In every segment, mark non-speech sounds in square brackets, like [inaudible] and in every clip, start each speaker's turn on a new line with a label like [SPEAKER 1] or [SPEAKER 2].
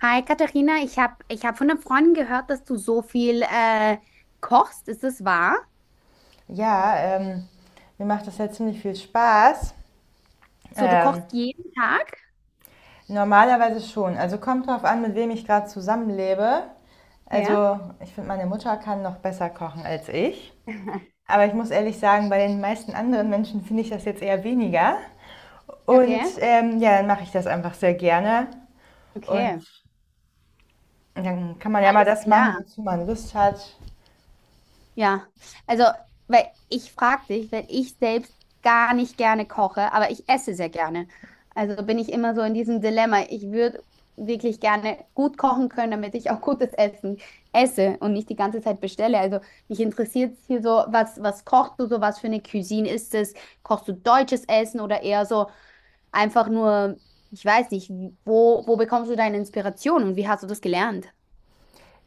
[SPEAKER 1] Hi Katharina, ich hab von einer Freundin gehört, dass du so viel kochst. Ist das wahr?
[SPEAKER 2] Ja, mir macht das ja ziemlich viel Spaß.
[SPEAKER 1] So, du
[SPEAKER 2] Ähm,
[SPEAKER 1] kochst jeden Tag?
[SPEAKER 2] Normalerweise schon. Also kommt drauf an, mit wem ich gerade zusammenlebe.
[SPEAKER 1] Ja.
[SPEAKER 2] Also ich finde, meine Mutter kann noch besser kochen als ich.
[SPEAKER 1] [laughs]
[SPEAKER 2] Aber ich muss ehrlich sagen, bei den meisten anderen Menschen finde ich das jetzt eher weniger. Und
[SPEAKER 1] Okay,
[SPEAKER 2] ja, dann mache ich das einfach sehr gerne. Und
[SPEAKER 1] okay.
[SPEAKER 2] dann kann man ja mal
[SPEAKER 1] Alles
[SPEAKER 2] das machen,
[SPEAKER 1] klar.
[SPEAKER 2] wozu man Lust hat.
[SPEAKER 1] Ja, also, weil ich frage dich, weil ich selbst gar nicht gerne koche, aber ich esse sehr gerne. Also bin ich immer so in diesem Dilemma. Ich würde wirklich gerne gut kochen können, damit ich auch gutes Essen esse und nicht die ganze Zeit bestelle. Also mich interessiert hier so, was kochst du so, was für eine Cuisine ist es? Kochst du deutsches Essen oder eher so einfach nur, ich weiß nicht, wo bekommst du deine Inspiration und wie hast du das gelernt?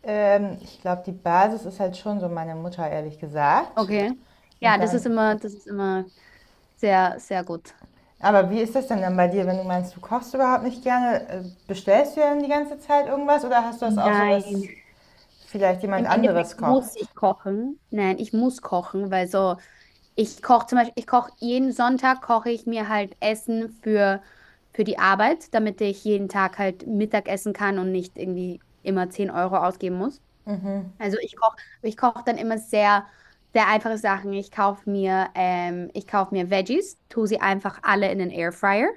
[SPEAKER 2] Ich glaube, die Basis ist halt schon so meine Mutter, ehrlich gesagt.
[SPEAKER 1] Okay. Ja,
[SPEAKER 2] Und dann
[SPEAKER 1] das ist immer sehr, sehr gut.
[SPEAKER 2] Aber wie ist das denn dann bei dir, wenn du meinst, du kochst überhaupt nicht gerne? Bestellst du dann die ganze Zeit irgendwas oder hast du das auch so,
[SPEAKER 1] Nein.
[SPEAKER 2] dass vielleicht jemand
[SPEAKER 1] Im
[SPEAKER 2] anderes
[SPEAKER 1] Endeffekt
[SPEAKER 2] kocht?
[SPEAKER 1] muss ich kochen. Nein, ich muss kochen, weil so, ich koche zum Beispiel, ich koche jeden Sonntag, koche ich mir halt Essen für die Arbeit, damit ich jeden Tag halt Mittag essen kann und nicht irgendwie immer 10 € ausgeben muss. Also ich koche, Ich koche dann immer sehr, sehr einfache Sachen. Ich kaufe mir, ich kaufe mir Veggies, tue sie einfach alle in den Airfryer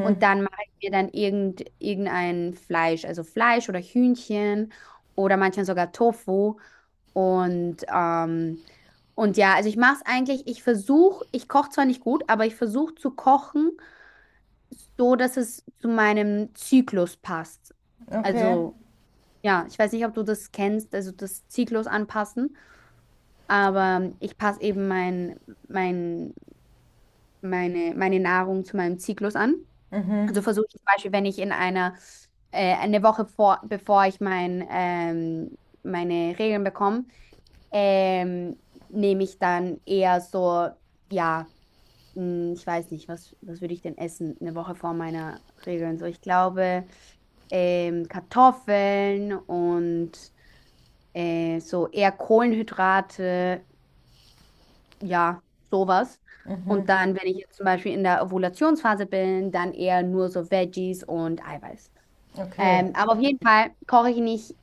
[SPEAKER 1] und dann mache ich mir dann irgendein Fleisch, also Fleisch oder Hühnchen oder manchmal sogar Tofu und ähm, und ja, also ich mache es eigentlich, ich koche zwar nicht gut, aber ich versuche zu kochen, so dass es zu meinem Zyklus passt.
[SPEAKER 2] Okay,
[SPEAKER 1] Also ja, ich weiß nicht, ob du das kennst, also das Zyklus anpassen. Aber ich passe eben mein, meine Nahrung zu meinem Zyklus an. Also versuche ich zum Beispiel, wenn ich in eine Woche bevor ich meine Regeln bekomme, ähm, nehme ich dann eher so, ja, mh, ich weiß nicht, was würde ich denn essen eine Woche vor meiner Regeln? So, ich glaube, Kartoffeln und so eher Kohlenhydrate ja, sowas. Und dann, wenn ich jetzt zum Beispiel in der Ovulationsphase bin, dann eher nur so Veggies und Eiweiß.
[SPEAKER 2] okay.
[SPEAKER 1] Aber auf jeden Fall koche ich nicht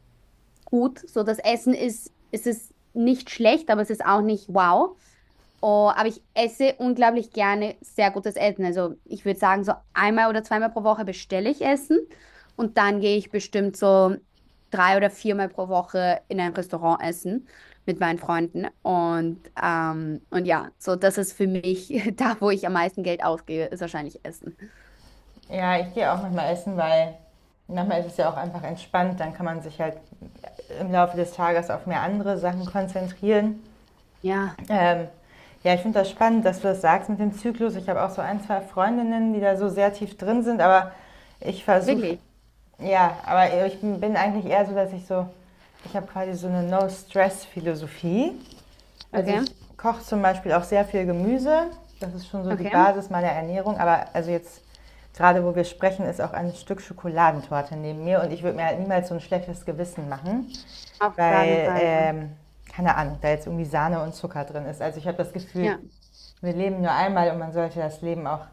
[SPEAKER 1] gut. So, es ist nicht schlecht, aber es ist auch nicht wow. Oh, aber ich esse unglaublich gerne sehr gutes Essen. Also ich würde sagen, so einmal oder zweimal pro Woche bestelle ich Essen und dann gehe ich bestimmt so drei oder viermal pro Woche in ein Restaurant essen mit meinen Freunden. Und ja, so das ist für mich [laughs] da, wo ich am meisten Geld ausgebe, ist wahrscheinlich Essen.
[SPEAKER 2] Ja, ich gehe auch manchmal essen, weil manchmal ist es ja auch einfach entspannt. Dann kann man sich halt im Laufe des Tages auf mehr andere Sachen konzentrieren.
[SPEAKER 1] Ja,
[SPEAKER 2] Ähm, ja, ich finde das spannend, dass du das sagst mit dem Zyklus. Ich habe auch so ein, zwei Freundinnen, die da so sehr tief drin sind, aber ich versuche.
[SPEAKER 1] wirklich.
[SPEAKER 2] Ja, aber ich bin eigentlich eher so, dass ich so, ich habe quasi so eine No-Stress-Philosophie. Also
[SPEAKER 1] Okay,
[SPEAKER 2] ich koche zum Beispiel auch sehr viel Gemüse. Das ist schon so die
[SPEAKER 1] okay.
[SPEAKER 2] Basis meiner Ernährung. Aber also jetzt gerade, wo wir sprechen, ist auch ein Stück Schokoladentorte neben mir. Und ich würde mir halt niemals so ein schlechtes Gewissen machen,
[SPEAKER 1] Auf gar keinen
[SPEAKER 2] weil,
[SPEAKER 1] Fall, ja.
[SPEAKER 2] keine Ahnung, da jetzt irgendwie Sahne und Zucker drin ist. Also ich habe das Gefühl,
[SPEAKER 1] Ja,
[SPEAKER 2] wir leben nur einmal und man sollte das Leben auch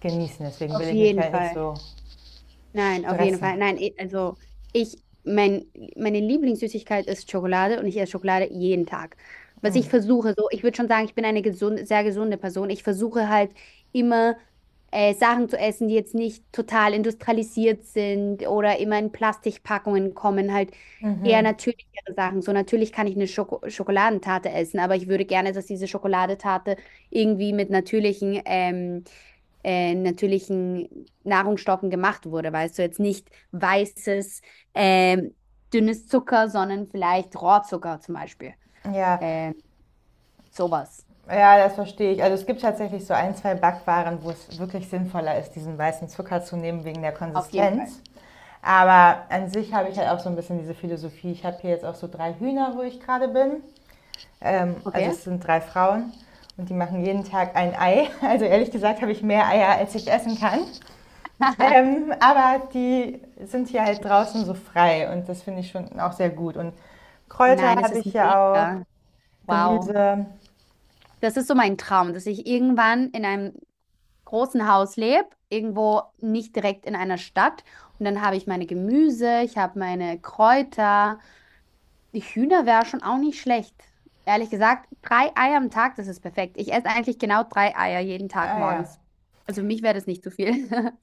[SPEAKER 2] genießen. Deswegen will
[SPEAKER 1] auf
[SPEAKER 2] ich mich
[SPEAKER 1] jeden
[SPEAKER 2] halt nicht
[SPEAKER 1] Fall.
[SPEAKER 2] so
[SPEAKER 1] Nein, auf jeden
[SPEAKER 2] stressen.
[SPEAKER 1] Fall. Nein, eh, also ich, mein, meine Lieblingssüßigkeit ist Schokolade und ich esse Schokolade jeden Tag. Was
[SPEAKER 2] Mm.
[SPEAKER 1] ich versuche, so, ich würde schon sagen, ich bin eine gesunde, sehr gesunde Person. Ich versuche halt immer Sachen zu essen, die jetzt nicht total industrialisiert sind oder immer in Plastikpackungen kommen, halt eher
[SPEAKER 2] Mhm.
[SPEAKER 1] natürlichere Sachen. So natürlich kann ich eine Schokoladentarte essen, aber ich würde gerne, dass diese Schokoladentarte irgendwie mit natürlichen natürlichen Nahrungsstoffen gemacht wurde. Weißt du, jetzt nicht ähm, dünnes Zucker, sondern vielleicht Rohrzucker zum Beispiel.
[SPEAKER 2] Ja,
[SPEAKER 1] Ähm, sowas.
[SPEAKER 2] ja, das verstehe ich. Also es gibt tatsächlich so ein, zwei Backwaren, wo es wirklich sinnvoller ist, diesen weißen Zucker zu nehmen wegen der
[SPEAKER 1] Auf jeden Fall.
[SPEAKER 2] Konsistenz. Aber an sich habe ich halt auch so ein bisschen diese Philosophie. Ich habe hier jetzt auch so drei Hühner, wo ich gerade bin. Also
[SPEAKER 1] Okay.
[SPEAKER 2] es sind drei Frauen und die machen jeden Tag ein Ei. [laughs] Also ehrlich gesagt habe ich mehr Eier, als ich essen kann.
[SPEAKER 1] [laughs]
[SPEAKER 2] Aber die sind hier halt draußen so frei und das finde ich schon auch sehr gut. Und Kräuter
[SPEAKER 1] Nein, das
[SPEAKER 2] habe
[SPEAKER 1] ist
[SPEAKER 2] ich ja auch,
[SPEAKER 1] mega. Wow.
[SPEAKER 2] Gemüse.
[SPEAKER 1] Das ist so mein Traum, dass ich irgendwann in einem großen Haus lebe, irgendwo nicht direkt in einer Stadt. Und dann habe ich meine Gemüse, ich habe meine Kräuter. Die Hühner wäre schon auch nicht schlecht. Ehrlich gesagt, 3 Eier am Tag, das ist perfekt. Ich esse eigentlich genau 3 Eier jeden Tag
[SPEAKER 2] Ah ja,
[SPEAKER 1] morgens. Also für mich wäre das nicht zu viel. [laughs]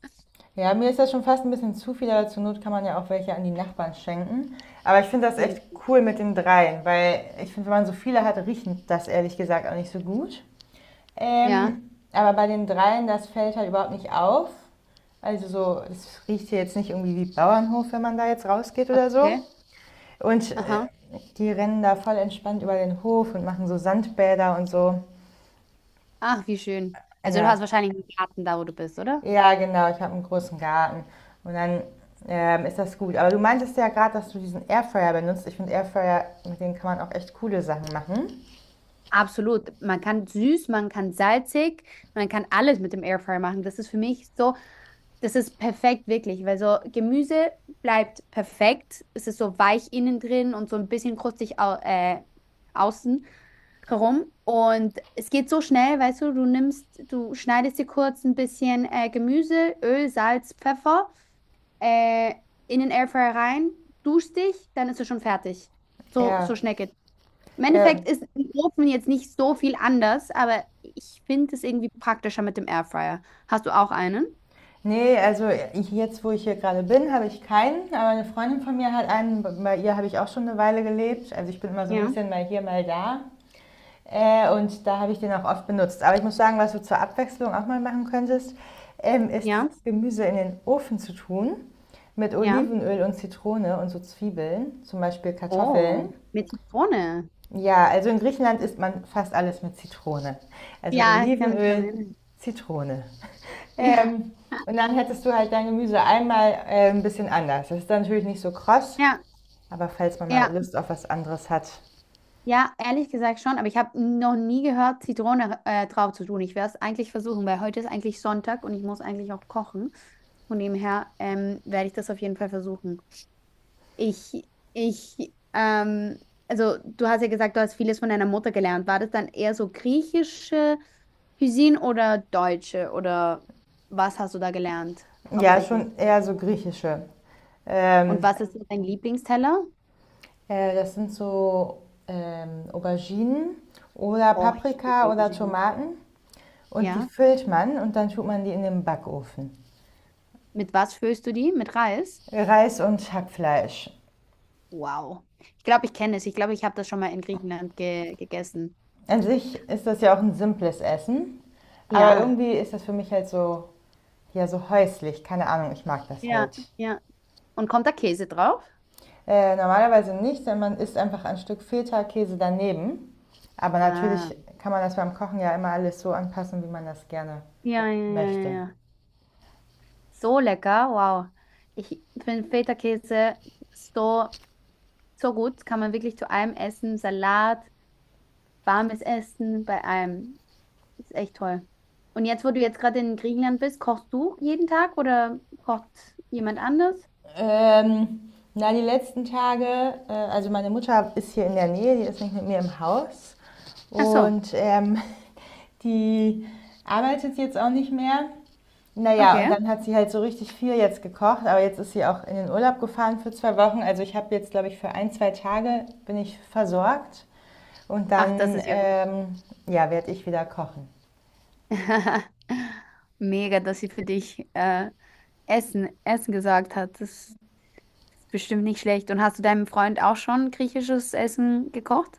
[SPEAKER 2] ja, mir ist das schon fast ein bisschen zu viel, aber zur Not kann man ja auch welche an die Nachbarn schenken. Aber ich finde das
[SPEAKER 1] Okay.
[SPEAKER 2] echt cool mit den dreien, weil ich finde, wenn man so viele hat, riechen das ehrlich gesagt auch nicht so gut.
[SPEAKER 1] Ja,
[SPEAKER 2] Aber bei den dreien, das fällt halt überhaupt nicht auf. Also so, es riecht hier jetzt nicht irgendwie wie Bauernhof, wenn man da jetzt rausgeht oder so.
[SPEAKER 1] okay.
[SPEAKER 2] Und
[SPEAKER 1] Aha.
[SPEAKER 2] die rennen da voll entspannt über den Hof und machen so Sandbäder und so.
[SPEAKER 1] Ach, wie schön. Also du
[SPEAKER 2] Ja,
[SPEAKER 1] hast wahrscheinlich einen Garten da, wo du bist, oder?
[SPEAKER 2] ja, genau, ich habe einen großen Garten. Und dann ist das gut. Aber du meintest ja gerade, dass du diesen Airfryer benutzt. Ich finde Airfryer, mit denen kann man auch echt coole Sachen machen.
[SPEAKER 1] Absolut. Man kann süß, man kann salzig, man kann alles mit dem Airfryer machen. Das ist für mich so. Das ist perfekt, wirklich, weil so Gemüse bleibt perfekt. Es ist so weich innen drin und so ein bisschen krustig au außen herum. Und es geht so schnell, weißt du, du schneidest dir kurz ein bisschen Gemüse, Öl, Salz, Pfeffer äh, in den Airfryer rein, duschst dich, dann ist es schon fertig. So, so
[SPEAKER 2] Ja,
[SPEAKER 1] schnell geht's. Im
[SPEAKER 2] ja.
[SPEAKER 1] Endeffekt ist im Ofen jetzt nicht so viel anders, aber ich finde es irgendwie praktischer mit dem Airfryer. Hast du auch einen?
[SPEAKER 2] Nee, also ich, jetzt, wo ich hier gerade bin, habe ich keinen. Aber eine Freundin von mir hat einen. Bei ihr habe ich auch schon eine Weile gelebt. Also ich bin immer so ein
[SPEAKER 1] Ja.
[SPEAKER 2] bisschen mal hier, mal da. Und da habe ich den auch oft benutzt. Aber ich muss sagen, was du zur Abwechslung auch mal machen könntest, ist
[SPEAKER 1] Ja.
[SPEAKER 2] dieses Gemüse in den Ofen zu tun mit
[SPEAKER 1] Ja.
[SPEAKER 2] Olivenöl und Zitrone und so Zwiebeln, zum Beispiel Kartoffeln.
[SPEAKER 1] Oh, mit Zitrone.
[SPEAKER 2] Ja, also in Griechenland isst man fast alles mit Zitrone. Also
[SPEAKER 1] Ja, ich kann mich dran
[SPEAKER 2] Olivenöl,
[SPEAKER 1] erinnern.
[SPEAKER 2] Zitrone. [laughs]
[SPEAKER 1] Ja,
[SPEAKER 2] Ähm, und dann hättest du halt dein Gemüse einmal ein bisschen anders. Das ist dann natürlich nicht so kross,
[SPEAKER 1] ja,
[SPEAKER 2] aber falls man mal
[SPEAKER 1] ja,
[SPEAKER 2] Lust auf was anderes hat.
[SPEAKER 1] ja, ehrlich gesagt schon, aber ich habe noch nie gehört, Zitrone drauf zu tun. Ich werde es eigentlich versuchen, weil heute ist eigentlich Sonntag und ich muss eigentlich auch kochen. Von dem her werde ich das auf jeden Fall versuchen. Ich, ich, ähm, also du hast ja gesagt, du hast vieles von deiner Mutter gelernt. War das dann eher so griechische Cuisine oder deutsche oder was hast du da gelernt
[SPEAKER 2] Ja,
[SPEAKER 1] hauptsächlich?
[SPEAKER 2] schon eher so griechische,
[SPEAKER 1] Und
[SPEAKER 2] ähm,
[SPEAKER 1] was ist so dein Lieblingsteller?
[SPEAKER 2] äh, das sind so Auberginen oder
[SPEAKER 1] Oh, ich liebe
[SPEAKER 2] Paprika oder
[SPEAKER 1] Auberginen.
[SPEAKER 2] Tomaten und die
[SPEAKER 1] Ja.
[SPEAKER 2] füllt man und dann tut man die in den Backofen.
[SPEAKER 1] Mit was füllst du die? Mit Reis?
[SPEAKER 2] Reis und Hackfleisch.
[SPEAKER 1] Wow. Ich glaube, ich kenne es. Ich glaube, ich habe das schon mal in Griechenland ge gegessen.
[SPEAKER 2] An sich ist das ja auch ein simples Essen, aber
[SPEAKER 1] Ja.
[SPEAKER 2] irgendwie ist das für mich halt so, ja, so häuslich. Keine Ahnung, ich mag das
[SPEAKER 1] Ja,
[SPEAKER 2] halt.
[SPEAKER 1] ja. Und kommt da Käse drauf?
[SPEAKER 2] Normalerweise nicht, denn man isst einfach ein Stück Feta-Käse daneben. Aber
[SPEAKER 1] Ah.
[SPEAKER 2] natürlich kann man das beim Kochen ja immer alles so anpassen, wie man das gerne
[SPEAKER 1] Ja, ja, ja, ja,
[SPEAKER 2] möchte.
[SPEAKER 1] ja. So lecker. Wow. Ich finde Feta-Käse so, so gut. Kann man wirklich zu allem essen. Salat, warmes Essen, bei allem. Ist echt toll. Und jetzt, wo du jetzt gerade in Griechenland bist, kochst du jeden Tag oder kocht jemand anders?
[SPEAKER 2] Na, die letzten Tage, also meine Mutter ist hier in der Nähe, die ist nicht mit mir im Haus.
[SPEAKER 1] Ach so,
[SPEAKER 2] Und [laughs] die arbeitet jetzt auch nicht mehr. Naja, und
[SPEAKER 1] okay.
[SPEAKER 2] dann hat sie halt so richtig viel jetzt gekocht, aber jetzt ist sie auch in den Urlaub gefahren für 2 Wochen. Also ich habe jetzt, glaube ich, für ein, zwei Tage bin ich versorgt und
[SPEAKER 1] Ach, das
[SPEAKER 2] dann,
[SPEAKER 1] ist ja gut.
[SPEAKER 2] ja, werde ich wieder kochen.
[SPEAKER 1] [laughs] Mega, dass sie für dich Essen gesagt hat. Das ist bestimmt nicht schlecht. Und hast du deinem Freund auch schon griechisches Essen gekocht?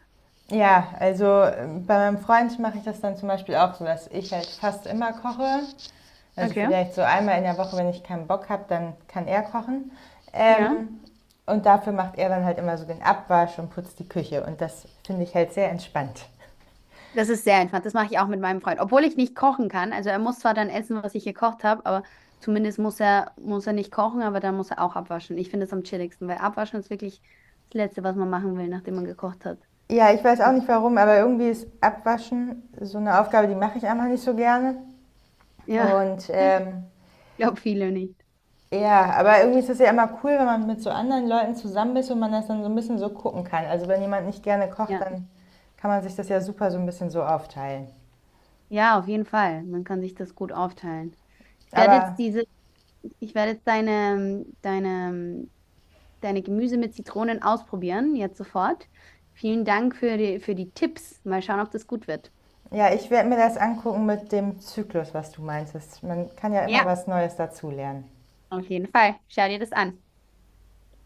[SPEAKER 2] Ja, also bei meinem Freund mache ich das dann zum Beispiel auch so, dass ich halt fast immer koche. Also
[SPEAKER 1] Okay.
[SPEAKER 2] vielleicht so einmal in der Woche, wenn ich keinen Bock habe, dann kann er kochen. Ähm,
[SPEAKER 1] Ja.
[SPEAKER 2] und dafür macht er dann halt immer so den Abwasch und putzt die Küche. Und das finde ich halt sehr entspannt.
[SPEAKER 1] Das ist sehr entspannt. Das mache ich auch mit meinem Freund. Obwohl ich nicht kochen kann. Also er muss zwar dann essen, was ich gekocht habe, aber zumindest muss er nicht kochen, aber dann muss er auch abwaschen. Ich finde es am chilligsten, weil abwaschen ist wirklich das Letzte, was man machen will, nachdem man gekocht hat.
[SPEAKER 2] Ja, ich weiß auch nicht warum, aber irgendwie ist Abwaschen so eine Aufgabe, die mache ich einfach nicht so gerne.
[SPEAKER 1] Ja, [laughs]
[SPEAKER 2] Und
[SPEAKER 1] ich glaube viele nicht.
[SPEAKER 2] ja, aber irgendwie ist es ja immer cool, wenn man mit so anderen Leuten zusammen ist und man das dann so ein bisschen so gucken kann. Also wenn jemand nicht gerne kocht,
[SPEAKER 1] Ja.
[SPEAKER 2] dann kann man sich das ja super so ein bisschen so aufteilen.
[SPEAKER 1] Ja, auf jeden Fall. Man kann sich das gut aufteilen. Ich werde
[SPEAKER 2] Aber
[SPEAKER 1] jetzt diese, Ich werde jetzt deine Gemüse mit Zitronen ausprobieren, jetzt sofort. Vielen Dank für für die Tipps. Mal schauen, ob das gut wird.
[SPEAKER 2] ja, ich werde mir das angucken mit dem Zyklus, was du meinst. Man kann ja immer
[SPEAKER 1] Ja,
[SPEAKER 2] was Neues dazulernen.
[SPEAKER 1] auf jeden Fall. Schau dir das an.